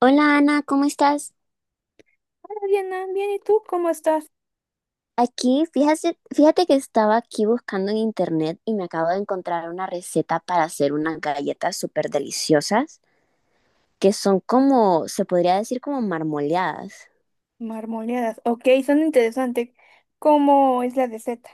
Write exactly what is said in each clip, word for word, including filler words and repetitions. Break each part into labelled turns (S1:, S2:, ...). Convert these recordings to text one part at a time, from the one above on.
S1: Hola Ana, ¿cómo estás?
S2: Hola, Diana, bien, ¿y tú cómo estás?
S1: Aquí, fíjate, fíjate que estaba aquí buscando en internet y me acabo de encontrar una receta para hacer unas galletas súper deliciosas que son como, se podría decir como marmoleadas.
S2: Marmoleadas. Ok, son interesantes. ¿Cómo es la de Z?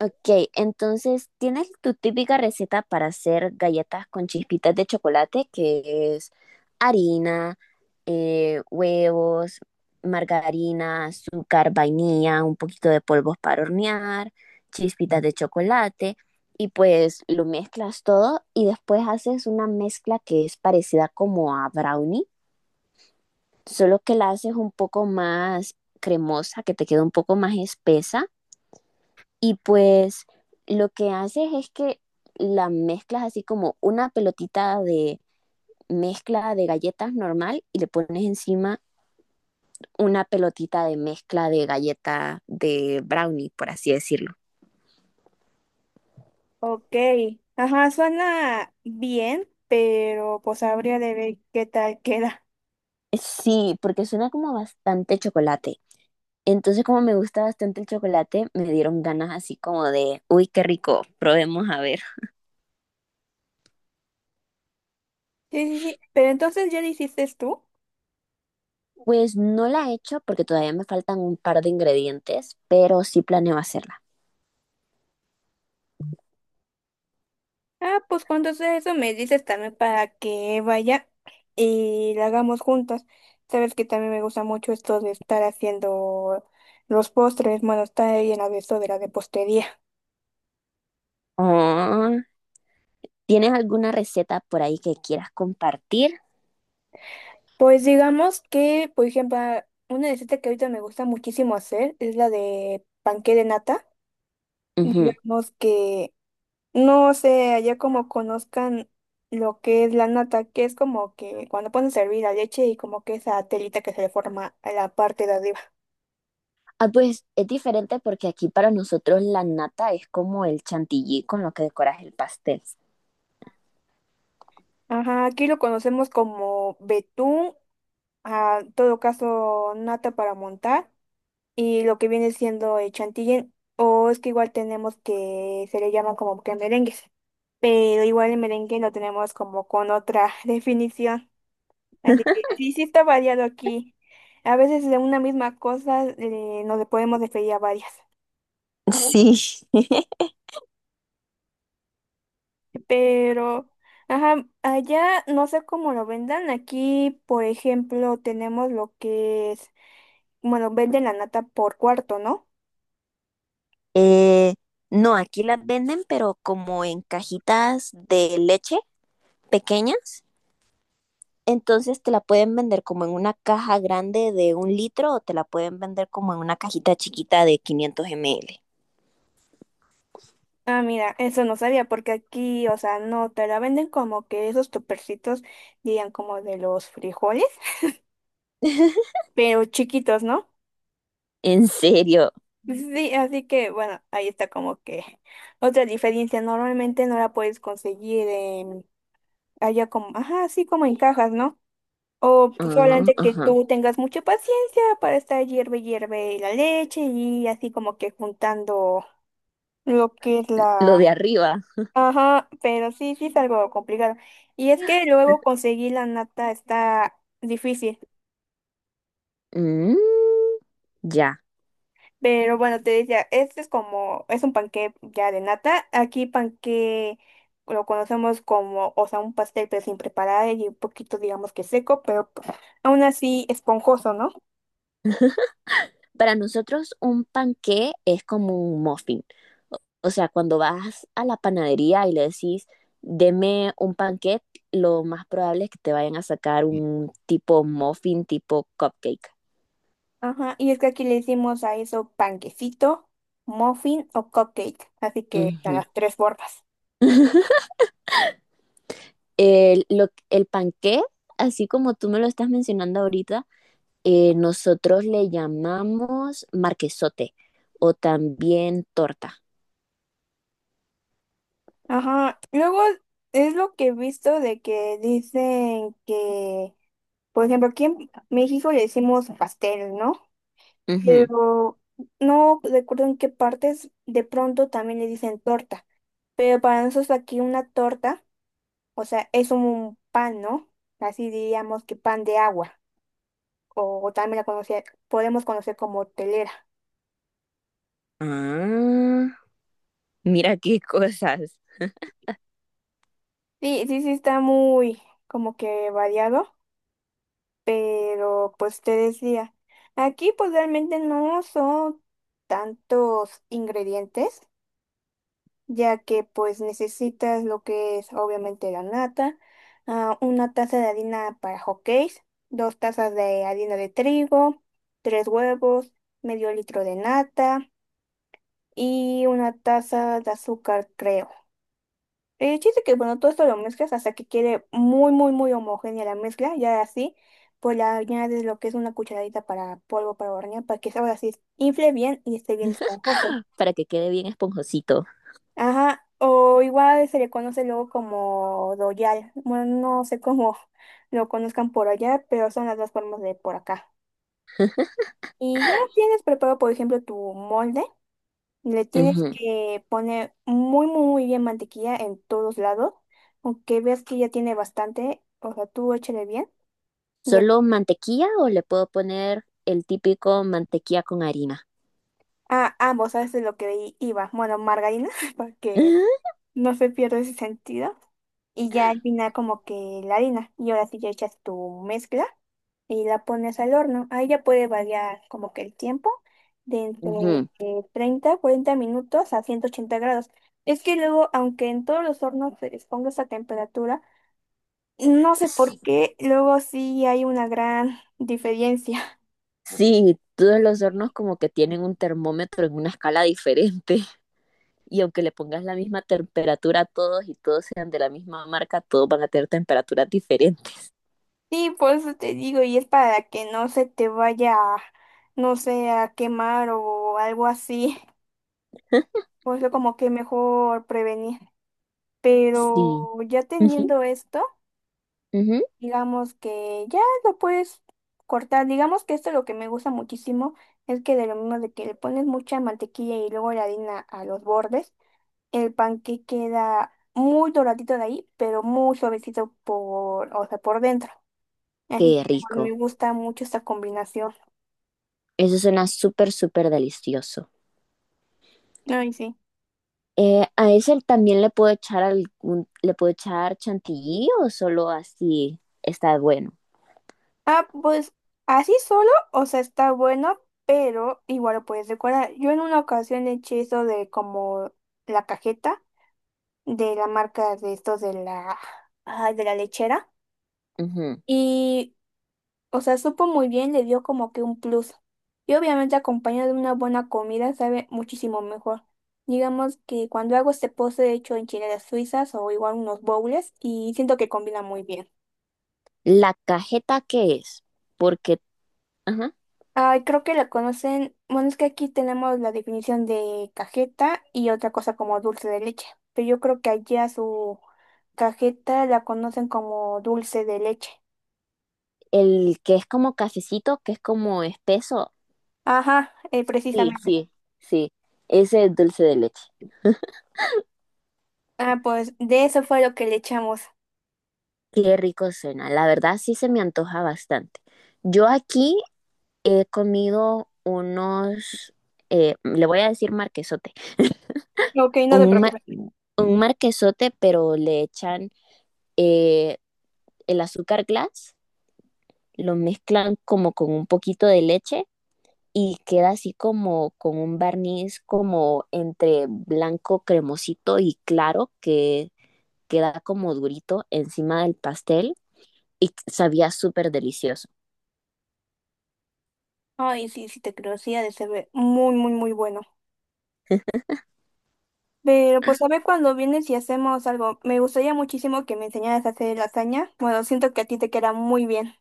S1: Ok, entonces, ¿tienes tu típica receta para hacer galletas con chispitas de chocolate, que es harina, eh, huevos, margarina, azúcar, vainilla, un poquito de polvos para hornear, chispitas de chocolate, y pues lo mezclas todo y después haces una mezcla que es parecida como a brownie, solo que la haces un poco más cremosa, que te queda un poco más espesa y pues lo que haces es que la mezclas así como una pelotita de mezcla de galletas normal y le pones encima una pelotita de mezcla de galleta de brownie, por así decirlo.
S2: Ok. Ajá, suena bien, pero pues habría de ver qué tal queda.
S1: Sí, porque suena como bastante chocolate. Entonces, como me gusta bastante el chocolate, me dieron ganas así como de, uy, qué rico, probemos a ver.
S2: Sí, sí, sí. Pero entonces ya lo hiciste tú.
S1: Pues no la he hecho porque todavía me faltan un par de ingredientes, pero sí planeo hacerla.
S2: Ah, pues cuando sea eso me dices también para que vaya y la hagamos juntas. Sabes que también me gusta mucho esto de estar haciendo los postres, bueno, está ahí en la de esto de la de postería.
S1: Oh, ¿tienes alguna receta por ahí que quieras compartir?
S2: Pues digamos que, por ejemplo, ah, una receta que ahorita me gusta muchísimo hacer es la de panqué de nata.
S1: Ujú.
S2: Digamos que, no sé, allá como conozcan lo que es la nata, que es como que cuando pones a hervir la leche y como que esa telita que se le forma a la parte de arriba.
S1: Ah, pues es diferente porque aquí para nosotros la nata es como el chantilly con lo que decoras el pastel.
S2: Ajá, aquí lo conocemos como betún, a todo caso nata para montar, y lo que viene siendo el chantilly, o es que igual tenemos que se le llama como que merengues, pero igual el merengue lo tenemos como con otra definición. Así que sí, sí está variado aquí. A veces de una misma cosa eh, nos le podemos referir a varias.
S1: Sí.
S2: Pero, ajá, allá no sé cómo lo vendan. Aquí, por ejemplo, tenemos lo que es, bueno, venden la nata por cuarto, ¿no?
S1: Eh, no, aquí las venden, pero como en cajitas de leche pequeñas. Entonces te la pueden vender como en una caja grande de un litro o te la pueden vender como en una cajita chiquita de quinientos ml.
S2: Ah, mira, eso no sabía, porque aquí, o sea, no, te la venden como que esos topercitos, dirían como de los frijoles, pero chiquitos, ¿no?
S1: ¿En serio?
S2: Sí, así que bueno, ahí está como que otra diferencia. Normalmente no la puedes conseguir en- allá como, ajá, así como en cajas, ¿no? O pues,
S1: Ah,
S2: solamente que
S1: ajá.
S2: tú tengas mucha paciencia para estar hierve, hierve la leche y así como que juntando lo que es
S1: Lo
S2: la...
S1: de arriba.
S2: Ajá, pero sí, sí es algo complicado. Y es que luego conseguir la nata está difícil.
S1: Mm, ya.
S2: Pero bueno, te decía, este es como, es un panqué ya de nata. Aquí panqué lo conocemos como, o sea, un pastel pero sin preparar y un poquito, digamos que seco, pero p- aún así esponjoso, ¿no?
S1: Para nosotros un panqué es como un muffin. O sea, cuando vas a la panadería y le decís, deme un panqué, lo más probable es que te vayan a sacar un tipo muffin, tipo cupcake.
S2: Ajá, y es que aquí le decimos a eso panquecito, muffin o cupcake, así que están
S1: Ujú.
S2: las tres formas.
S1: El, lo- el panqué, así como tú me lo estás mencionando ahorita, eh, nosotros le llamamos marquesote o también torta.
S2: Ajá, luego es lo que he visto de que dicen que, por ejemplo, aquí en México le decimos pastel, ¿no?
S1: Ujú.
S2: Pero no recuerdo en qué partes de pronto también le dicen torta, pero para nosotros aquí una torta, o sea, es un pan, ¿no? Así diríamos que pan de agua, o también la conoce- podemos conocer como telera.
S1: Ah, mira qué cosas.
S2: Sí, sí, sí, está muy como que variado, pero pues te decía, aquí pues realmente no son tantos ingredientes, ya que pues necesitas lo que es obviamente la nata, ah, una taza de harina para hotcakes, dos tazas de harina de trigo, tres huevos, medio litro de nata y una taza de azúcar, creo. El chiste que bueno, todo esto lo mezclas hasta que quede muy, muy, muy homogénea la mezcla, ya así, pues le añades lo que es una cucharadita para polvo para hornear, para que ahora sí infle bien y esté bien esponjoso.
S1: Para que quede bien esponjosito.
S2: Ajá, o igual se le conoce luego como Royal. Bueno, no sé cómo lo conozcan por allá, pero son las dos formas de por acá. Y ya tienes preparado, por ejemplo, tu molde. Le tienes
S1: Ujú.
S2: que poner muy, muy, muy bien mantequilla en todos lados. Aunque veas que ya tiene bastante, o sea, tú échale bien. Y el...
S1: ¿Solo mantequilla o le puedo poner el típico mantequilla con harina?
S2: Ah, ambos, ¿sabes de lo que i- iba? Bueno, margarina, para que no se pierda ese sentido. Y ya al final como que la harina. Y ahora sí ya echas tu mezcla y la pones al horno. Ahí ya puede variar como que el tiempo de entre
S1: Ujú.
S2: eh, treinta, cuarenta minutos a ciento ochenta grados. Es que luego, aunque en todos los hornos se les ponga esa temperatura, no sé
S1: S-
S2: por qué, luego sí hay una gran diferencia.
S1: Sí, todos los hornos como que tienen un termómetro en una escala diferente y aunque le pongas la misma temperatura a todos y todos sean de la misma marca, todos van a tener temperaturas diferentes.
S2: Sí, por eso te digo, y es para que no se te vaya, no sé, a quemar o algo así. Pues lo como que mejor prevenir.
S1: Sí.
S2: Pero ya
S1: Ujú,
S2: teniendo esto,
S1: ujú.
S2: digamos que ya lo puedes cortar. Digamos que esto es lo que me gusta muchísimo es que de lo mismo de que le pones mucha mantequilla y luego la harina a los bordes, el panque queda muy doradito de ahí, pero muy suavecito por, o sea, por dentro. Así
S1: Qué
S2: que pues, me
S1: rico.
S2: gusta mucho esta combinación.
S1: Eso suena súper, súper delicioso.
S2: Ay, sí.
S1: Eh, a ese también le puedo echar algún, le puedo echar chantilly o solo así está bueno.
S2: Ah, pues así solo, o sea, está bueno, pero igual lo puedes decorar. Yo en una ocasión le eché eso de como la cajeta, de la marca de estos de la, ay, de la lechera.
S1: Ujú.
S2: Y, o sea, supo muy bien, le dio como que un plus. Y obviamente acompañado de una buena comida sabe muchísimo mejor. Digamos que cuando hago este postre he hecho enchiladas suizas o igual unos bowls y siento que combina muy bien.
S1: La cajeta qué es, porque, ajá,
S2: Ay, creo que la conocen. Bueno, es que aquí tenemos la definición de cajeta y otra cosa como dulce de leche. Pero yo creo que allá su cajeta la conocen como dulce de leche.
S1: el que es como cafecito, que es como espeso.
S2: Ajá, eh,
S1: Sí,
S2: precisamente.
S1: sí, sí. Ese es dulce de leche.
S2: Ah, pues de eso fue lo que le echamos.
S1: Qué rico suena. La verdad sí se me antoja bastante. Yo aquí he comido unos, eh, le voy a decir marquesote,
S2: Ok, no te
S1: un, ma-
S2: preocupes.
S1: un marquesote, pero le echan eh, el azúcar glass, lo mezclan como con un poquito de leche y queda así como con un barniz como entre blanco cremosito y claro que queda como durito encima del pastel y sabía súper delicioso.
S2: Ay, sí, sí te creo, sí, ha de ser muy, muy, muy bueno. Pero pues a ver cuando vienes y hacemos algo. Me gustaría muchísimo que me enseñaras a hacer lasaña. Bueno, siento que a ti te queda muy bien.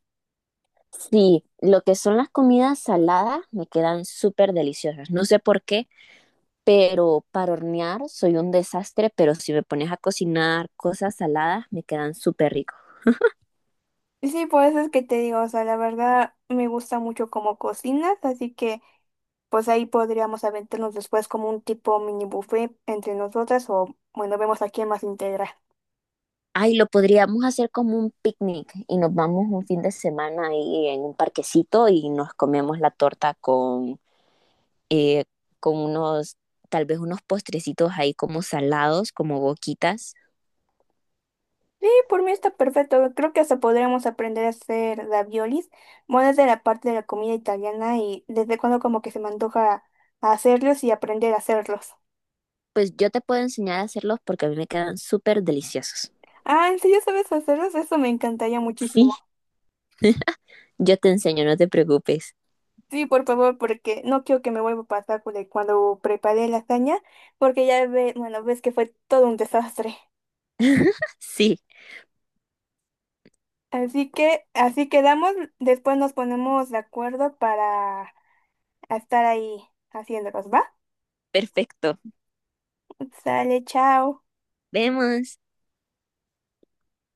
S1: Sí, lo que son las comidas saladas me quedan súper deliciosas. No sé por qué, pero para hornear soy un desastre, pero si me pones a cocinar cosas saladas me quedan súper ricos.
S2: Y sí, por eso es que te digo, o sea, la verdad me gusta mucho cómo cocinas, así que pues ahí podríamos aventarnos después como un tipo mini buffet entre nosotras o bueno, vemos a quién más integra.
S1: Ay, lo podríamos hacer como un picnic y nos vamos un fin de semana ahí en un parquecito y nos comemos la torta con, eh, con unos, tal vez unos postrecitos ahí como salados, como boquitas.
S2: Sí, por mí está perfecto. Creo que hasta podríamos aprender a hacer raviolis. Bueno, es de la parte de la comida italiana y desde cuando como que se me antoja hacerlos y aprender a hacerlos.
S1: Pues yo te puedo enseñar a hacerlos porque a mí me quedan súper deliciosos.
S2: Ah, ¿en serio sabes hacerlos? Eso me encantaría
S1: Sí,
S2: muchísimo.
S1: yo te enseño, no te preocupes.
S2: Sí, por favor, porque no quiero que me vuelva a pasar con el- cuando preparé lasaña, porque ya ve, bueno, ves que fue todo un desastre.
S1: Sí,
S2: Así que, así quedamos. Después nos ponemos de acuerdo para estar ahí haciéndolos, ¿va?
S1: perfecto.
S2: Sale, chao.
S1: Vemos.